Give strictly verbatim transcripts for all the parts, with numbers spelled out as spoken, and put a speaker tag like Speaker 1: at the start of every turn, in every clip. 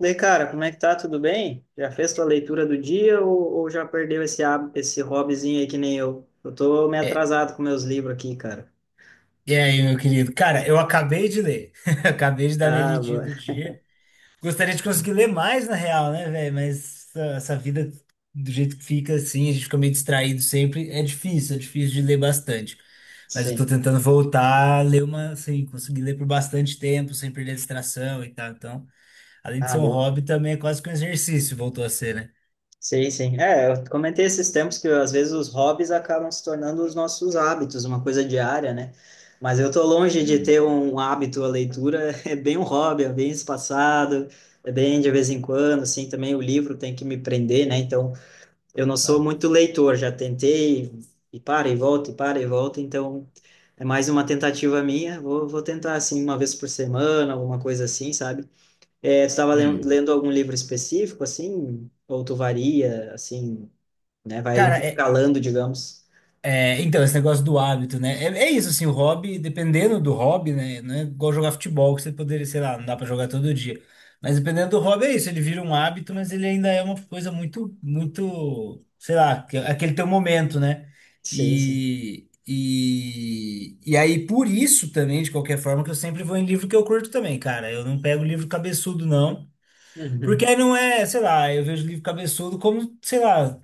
Speaker 1: E aí, cara, como é que tá? Tudo bem? Já fez tua leitura do dia ou, ou já perdeu esse, há- esse hobbyzinho aí que nem eu? Eu tô meio
Speaker 2: É,
Speaker 1: atrasado com meus livros aqui, cara.
Speaker 2: e aí, meu querido? Cara, eu acabei de ler. Acabei de dar minha
Speaker 1: Ah,
Speaker 2: lidinha
Speaker 1: boa.
Speaker 2: do dia. Gostaria de conseguir ler mais, na real, né, velho? Mas essa, essa vida, do jeito que fica assim, a gente fica meio distraído sempre. É difícil, é difícil de ler bastante. Mas eu tô
Speaker 1: Sim.
Speaker 2: tentando voltar a ler uma, assim, conseguir ler por bastante tempo, sem perder a distração e tal. Então, além de
Speaker 1: Ah,
Speaker 2: ser um
Speaker 1: boa.
Speaker 2: hobby, também é quase que um exercício, voltou a ser, né?
Speaker 1: Sim, sim. É, eu comentei esses tempos que às vezes os hobbies acabam se tornando os nossos hábitos, uma coisa diária, né? Mas eu tô longe de ter um hábito, a leitura é bem um hobby, é bem espaçado, é bem de vez em quando, assim, também o livro tem que me prender, né? Então, eu não sou
Speaker 2: Claro.
Speaker 1: muito leitor, já tentei e para e volta, e para e volta, então é mais uma tentativa minha. Vou, vou tentar, assim, uma vez por semana, alguma coisa assim, sabe? É, tu estava lendo
Speaker 2: Hum.
Speaker 1: lendo algum livro específico, assim? Ou tu varia, assim, né? Vai
Speaker 2: Cara, é,
Speaker 1: intercalando, digamos.
Speaker 2: É, então, esse negócio do hábito, né? É, é isso, assim, o hobby, dependendo do hobby, né? Não é igual jogar futebol, que você poderia, sei lá, não dá pra jogar todo dia. Mas dependendo do hobby, é isso, ele vira um hábito, mas ele ainda é uma coisa muito, muito, sei lá, que- é aquele teu momento, né?
Speaker 1: Sim, sim.
Speaker 2: E, e, e aí, por isso também, de qualquer forma, que eu sempre vou em livro que eu curto também, cara. Eu não pego livro cabeçudo, não. Porque
Speaker 1: Uhum.
Speaker 2: aí não é, sei lá, eu vejo livro cabeçudo como, sei lá.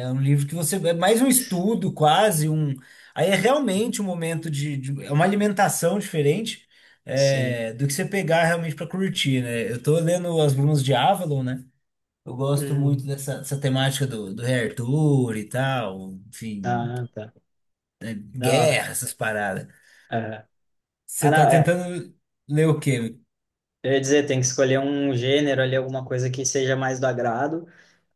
Speaker 2: É um livro que você. É mais um estudo, quase um. Aí é realmente um momento de. de- é uma alimentação diferente
Speaker 1: Sim.
Speaker 2: é, do que você pegar realmente para curtir, né? Eu tô lendo As Brumas de Avalon, né? Eu gosto muito
Speaker 1: Uhum.
Speaker 2: dessa, dessa temática do, do Rei Arthur e tal, enfim,
Speaker 1: Ah, tá.
Speaker 2: né?
Speaker 1: Da hora.
Speaker 2: Guerra, essas paradas.
Speaker 1: Aham. Ah,
Speaker 2: Você tá
Speaker 1: não, é.
Speaker 2: tentando ler o quê?
Speaker 1: Eu ia dizer, tem que escolher um gênero ali, alguma coisa que seja mais do agrado.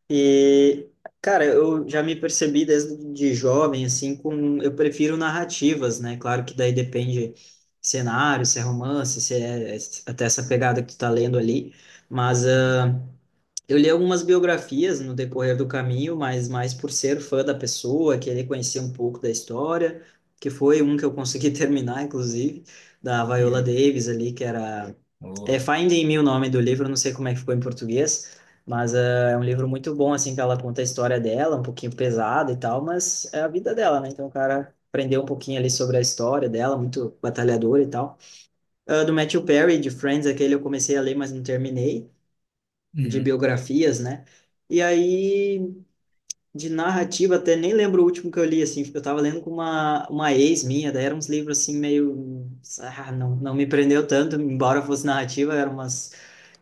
Speaker 1: E, cara, eu já me percebi desde de jovem, assim, com... Eu prefiro narrativas, né? Claro que daí depende cenário, se é romance, se é até essa pegada que tu tá lendo ali. Mas
Speaker 2: Uhum.
Speaker 1: ah, eu li algumas biografias no decorrer do caminho, mas mais por ser fã da pessoa, querer conhecer um pouco da história, que foi um que eu consegui terminar, inclusive, da Viola
Speaker 2: Uhum.
Speaker 1: Davis ali, que era é
Speaker 2: Porra.
Speaker 1: Finding Me o nome do livro, não sei como é que ficou em português, mas ah, é um livro muito bom, assim, que ela conta a história dela, um pouquinho pesada e tal, mas é a vida dela, né? Então o cara aprendeu um pouquinho ali sobre a história dela, muito batalhadora e tal. Ah, do Matthew Perry, de Friends, aquele eu comecei a ler, mas não terminei, de
Speaker 2: Uhum.
Speaker 1: biografias, né? E aí de narrativa, até nem lembro o último que eu li, assim, eu tava lendo com uma, uma ex minha, daí eram uns livros, assim, meio, ah, não, não me prendeu tanto, embora fosse narrativa, eram umas,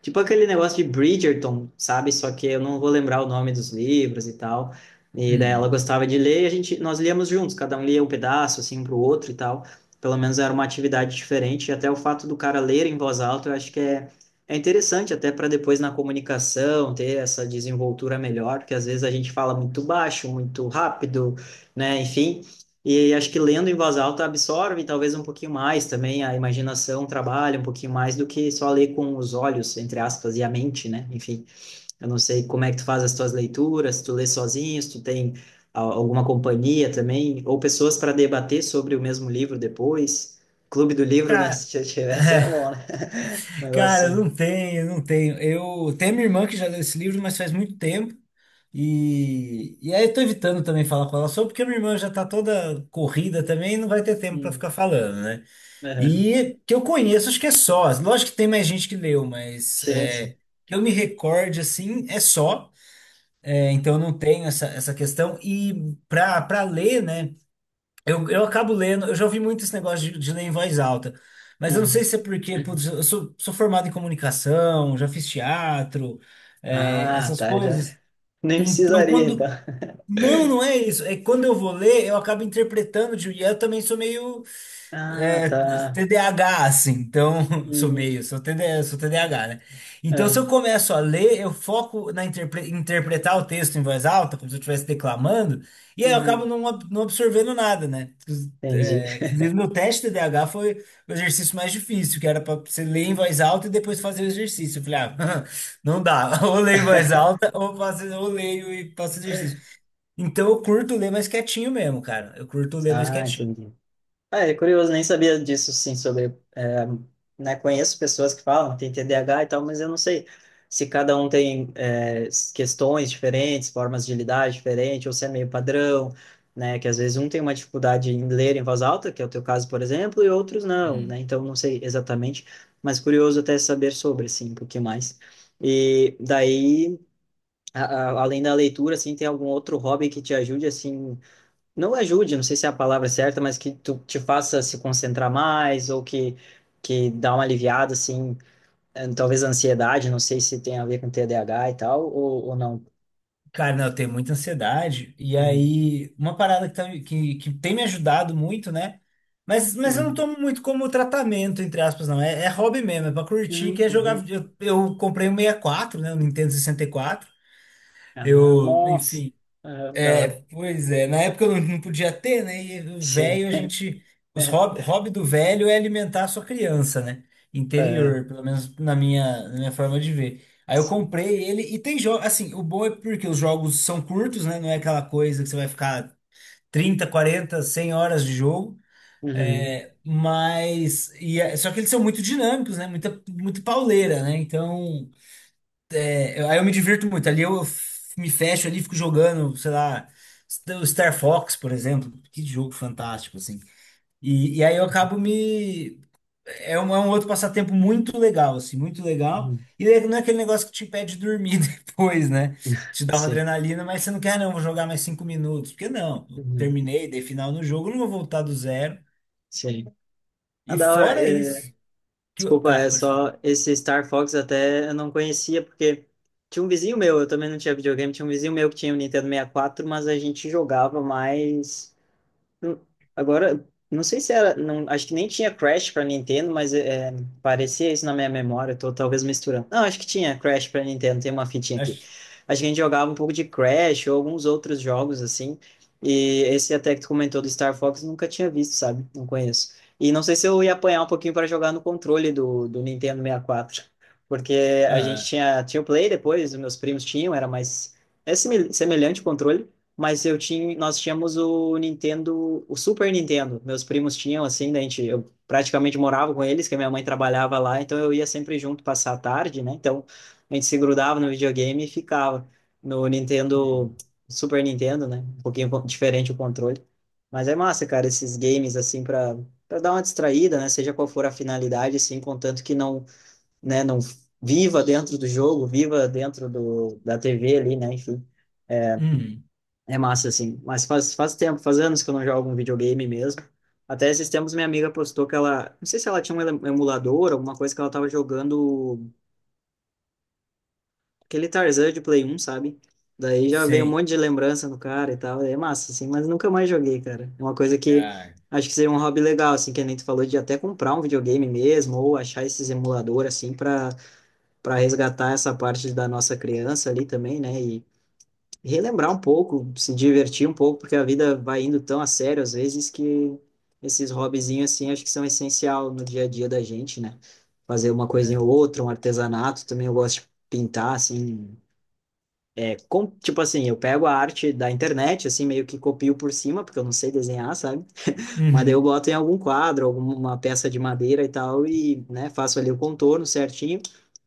Speaker 1: tipo aquele negócio de Bridgerton, sabe, só que eu não vou lembrar o nome dos livros e tal, e daí ela
Speaker 2: Uhum.
Speaker 1: gostava de ler, e a gente, nós líamos juntos, cada um lia um pedaço, assim, um pro outro e tal, pelo menos era uma atividade diferente, e até o fato do cara ler em voz alta, eu acho que é é interessante até para depois na comunicação ter essa desenvoltura melhor, porque às vezes a gente fala muito baixo, muito rápido, né? Enfim, e acho que lendo em voz alta absorve talvez um pouquinho mais também, a imaginação trabalha um pouquinho mais do que só ler com os olhos, entre aspas, e a mente, né? Enfim, eu não sei como é que tu faz as tuas leituras, se tu lê sozinho, se tu tem a- alguma companhia também, ou pessoas para debater sobre o mesmo livro depois. Clube do livro, né?
Speaker 2: Tá.
Speaker 1: Se tivesse era bom, né? Um negócio
Speaker 2: Cara, não tenho, não tenho. Eu tenho minha irmã que já leu esse livro, mas faz muito tempo. E, e aí eu tô evitando também falar com ela sobre, porque minha irmã já tá toda corrida também e não vai ter tempo pra
Speaker 1: assim.
Speaker 2: ficar falando, né?
Speaker 1: Aham.
Speaker 2: E que eu conheço, acho que é só. Lógico que tem mais gente que leu, mas
Speaker 1: Sim,
Speaker 2: é,
Speaker 1: sim.
Speaker 2: que eu me recorde assim, é só. É, então eu não tenho essa, essa questão. E pra, pra ler, né? Eu, eu acabo lendo, eu já ouvi muito esse negócio de, de ler em voz alta, mas eu não sei
Speaker 1: Hum.
Speaker 2: se é porque, putz, eu sou, sou formado em comunicação, já fiz teatro, é,
Speaker 1: Ah,
Speaker 2: essas
Speaker 1: tá. Já
Speaker 2: coisas.
Speaker 1: nem
Speaker 2: Então,
Speaker 1: precisaria, então.
Speaker 2: quando. Não, não é isso. É que quando eu vou ler, eu acabo interpretando, de- e eu também sou meio.
Speaker 1: Ah,
Speaker 2: É,
Speaker 1: tá.
Speaker 2: T D A H, assim, então sou
Speaker 1: Hum.
Speaker 2: meio, sou TD, sou T D A H, né? Então, se eu
Speaker 1: Ah.
Speaker 2: começo a ler, eu foco na interpre- interpretar o texto em voz alta, como se eu estivesse declamando, e aí eu acabo
Speaker 1: Uhum.
Speaker 2: não, ab- não absorvendo nada, né?
Speaker 1: Entendi.
Speaker 2: É, inclusive, meu teste T D A H foi o exercício mais difícil, que era para você ler em voz alta e depois fazer o exercício. Eu falei, ah, não dá, ou leio em voz alta, ou faço, ou leio e faço exercício. Então, eu curto ler mais quietinho mesmo, cara, eu curto ler mais
Speaker 1: Ah,
Speaker 2: quietinho.
Speaker 1: entendi. Ah, é curioso, nem sabia disso, sim, sobre, é, né, conheço pessoas que falam, tem T D A H e tal, mas eu não sei se cada um tem, é, s- questões diferentes, formas de lidar diferentes, ou se é meio padrão, né, que às vezes um tem uma dificuldade em ler em voz alta, que é o teu caso, por exemplo, e outros não, né, então não sei exatamente, mas curioso até saber sobre, assim, um pouquinho mais. E daí, a- a- além da leitura, assim, tem algum outro hobby que te ajude, assim, não ajude, não sei se é a palavra certa, mas que tu te faça se concentrar mais ou que que dá uma aliviada assim, eh, talvez a ansiedade, não sei se tem a ver com T D A H e tal ou, ou não.
Speaker 2: Cara, não, eu tenho muita ansiedade. E
Speaker 1: Hum,
Speaker 2: aí, uma parada que, tá- que, que tem me ajudado muito, né? Mas, mas eu não
Speaker 1: hum,
Speaker 2: tomo muito como tratamento, entre aspas, não. É, é hobby mesmo, é pra curtir, que
Speaker 1: hum,
Speaker 2: é
Speaker 1: hum,
Speaker 2: jogar.
Speaker 1: hum.
Speaker 2: vide- Eu, eu comprei o sessenta e quatro, né? O Nintendo sessenta e quatro.
Speaker 1: Ah,
Speaker 2: Eu,
Speaker 1: nossa.
Speaker 2: enfim.
Speaker 1: Ah, da
Speaker 2: É,
Speaker 1: hora.
Speaker 2: pois é. Na época eu não, não podia ter, né? E o
Speaker 1: Sim,
Speaker 2: velho, a gente. Os hobby, hobby do velho é alimentar a sua criança, né?
Speaker 1: ah,
Speaker 2: Interior, pelo menos na minha, na minha forma de ver. Aí eu
Speaker 1: sim,
Speaker 2: comprei ele e tem jogo. Assim, o bom é porque os jogos são curtos, né? Não é aquela coisa que você vai ficar trinta, quarenta, cem horas de jogo.
Speaker 1: uhum,
Speaker 2: É, mas. E é- só que eles são muito dinâmicos, né? Muita, muito pauleira, né? Então. Eu- Aí eu me divirto muito. Ali eu f- me fecho ali, fico jogando, sei lá, o Star Fox, por exemplo. Que jogo fantástico, assim. E, e aí eu
Speaker 1: uhum,
Speaker 2: acabo me. É um, é um outro passatempo muito legal, assim, muito legal.
Speaker 1: uhum,
Speaker 2: E daí não é aquele negócio que te impede de dormir depois, né? Te dá uma
Speaker 1: sim,
Speaker 2: adrenalina, mas você não quer, "Ah, não, vou jogar mais cinco minutos. Porque não, eu
Speaker 1: uhum,
Speaker 2: terminei, dei final no jogo, não vou voltar do zero."
Speaker 1: sim. Ah,
Speaker 2: E
Speaker 1: da hora.
Speaker 2: fora
Speaker 1: Eh,
Speaker 2: isso, que eu.
Speaker 1: Desculpa,
Speaker 2: Ah,
Speaker 1: é
Speaker 2: pode falar.
Speaker 1: só esse Star Fox até eu não conhecia, porque tinha um vizinho meu, eu também não tinha videogame, tinha um vizinho meu que tinha o Nintendo sessenta e quatro, mas a gente jogava mais. Hum. Agora, não sei se era, não, acho que nem tinha Crash para Nintendo, mas é, parecia isso na minha memória, eu tô talvez misturando. Não, acho que tinha Crash para Nintendo, tem uma fitinha aqui.
Speaker 2: Acho.
Speaker 1: Acho que a gente jogava um pouco de Crash ou alguns outros jogos assim. E esse até que tu comentou do Star Fox, eu nunca tinha visto, sabe? Não conheço. E não sei se eu ia apanhar um pouquinho para jogar no controle do, do Nintendo sessenta e quatro, porque a gente
Speaker 2: Ah,
Speaker 1: tinha, tinha o Play depois, os meus primos tinham, era mais é simil- semelhante o controle, mas eu tinha, nós tínhamos o Nintendo, o Super Nintendo. Meus primos tinham assim, daí a gente, eu praticamente morava com eles, que a minha mãe trabalhava lá, então eu ia sempre junto passar a tarde, né? Então a gente se grudava no videogame e ficava no Nintendo,
Speaker 2: hum,
Speaker 1: Super Nintendo, né? Um pouquinho co- diferente o controle. Mas é massa, cara, esses games assim para para dar uma distraída, né? Seja qual for a finalidade, assim, contanto que não, né, não viva dentro do jogo, viva dentro do, da T V ali, né? Enfim.
Speaker 2: hum,
Speaker 1: É massa, assim. Mas faz, faz tempo, faz anos que eu não jogo um videogame mesmo. Até esses tempos minha amiga postou que ela... Não sei se ela tinha um ele- emulador, alguma coisa que ela tava jogando aquele Tarzan de Play um, sabe? Daí já veio um
Speaker 2: sei.
Speaker 1: monte de lembrança no cara e tal. É massa, assim. Mas nunca mais joguei, cara. É uma coisa que
Speaker 2: Ah.
Speaker 1: acho que seria um hobby legal, assim, que a gente falou de até comprar um videogame mesmo ou achar esses emuladores assim, para para resgatar essa parte da nossa criança ali também, né? Relembrar um pouco, se divertir um pouco, porque a vida vai indo tão a sério às vezes que esses hobbyzinhos assim acho que são essencial no dia a dia da gente, né? Fazer uma coisinha ou
Speaker 2: É.
Speaker 1: outra, um artesanato, também eu gosto de pintar assim, é com- tipo assim, eu pego a arte da internet assim meio que copio por cima, porque eu não sei desenhar, sabe? Mas daí eu
Speaker 2: Uhum,
Speaker 1: boto em algum quadro, alguma peça de madeira e tal, e, né, faço ali o contorno certinho.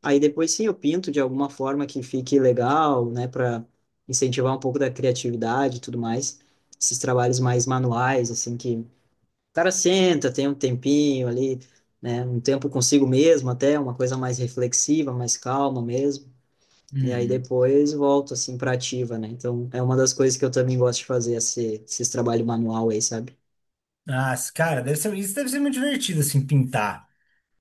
Speaker 1: Aí depois sim eu pinto de alguma forma que fique legal, né, para incentivar um pouco da criatividade e tudo mais. Esses trabalhos mais manuais, assim, que o cara senta, tem um tempinho ali, né, um tempo consigo mesmo até, uma coisa mais reflexiva, mais calma mesmo. E aí
Speaker 2: uhum.
Speaker 1: depois volto, assim, pra ativa, né? Então é uma das coisas que eu também gosto de fazer, esse, esse trabalho manual aí, sabe?
Speaker 2: Ah, cara, deve ser, isso deve ser muito divertido, assim, pintar.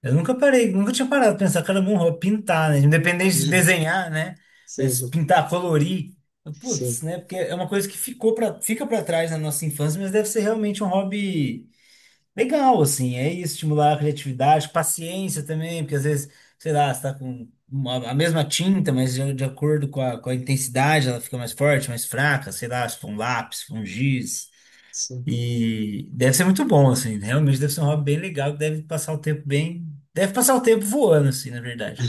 Speaker 2: Eu nunca parei, nunca tinha parado pra pensar, cara, é bom, vou pintar, né? Independente de desenhar, né?
Speaker 1: Sim,
Speaker 2: Mas
Speaker 1: sim.
Speaker 2: pintar, colorir, putz,
Speaker 1: Sim,
Speaker 2: né? Porque é uma coisa que ficou pra, fica pra trás na nossa infância, mas deve ser realmente um hobby legal, assim. É isso, estimular a criatividade, paciência também, porque às vezes, sei lá, você tá com uma- a mesma tinta, mas de, de acordo com a, com a intensidade, ela fica mais forte, mais fraca, sei lá, se for um lápis, se for um giz.
Speaker 1: sim.
Speaker 2: E deve ser muito bom, assim. Realmente deve ser um hobby bem legal, que deve passar o tempo bem. Deve passar o tempo voando, assim, na verdade.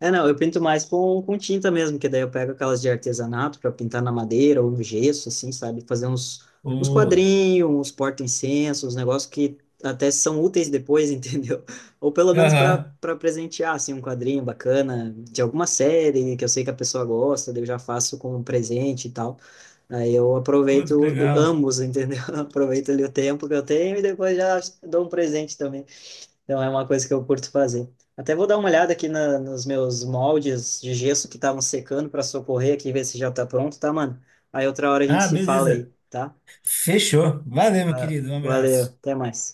Speaker 1: É, não, eu pinto mais com, com tinta mesmo, que daí eu pego aquelas de artesanato para pintar na madeira ou no gesso, assim, sabe? Fazer uns, uns
Speaker 2: Ô.
Speaker 1: quadrinhos, uns porta-incensos, uns negócios que até são úteis depois, entendeu? Ou pelo menos para
Speaker 2: Aham.
Speaker 1: para presentear, assim, um quadrinho bacana de alguma série que eu sei que a pessoa gosta, daí eu já faço como um presente e tal. Aí eu
Speaker 2: Pô,
Speaker 1: aproveito
Speaker 2: que
Speaker 1: o-
Speaker 2: legal.
Speaker 1: ambos, entendeu? Aproveito ali o tempo que eu tenho e depois já dou um presente também. Então é uma coisa que eu curto fazer. Até vou dar uma olhada aqui na- nos meus moldes de gesso que estavam secando para socorrer aqui, ver se já tá pronto, tá, mano? Aí outra hora a gente
Speaker 2: Ah,
Speaker 1: se fala aí,
Speaker 2: beleza.
Speaker 1: tá?
Speaker 2: Fechou. Valeu, meu
Speaker 1: Ah,
Speaker 2: querido. Um
Speaker 1: valeu,
Speaker 2: abraço.
Speaker 1: até mais.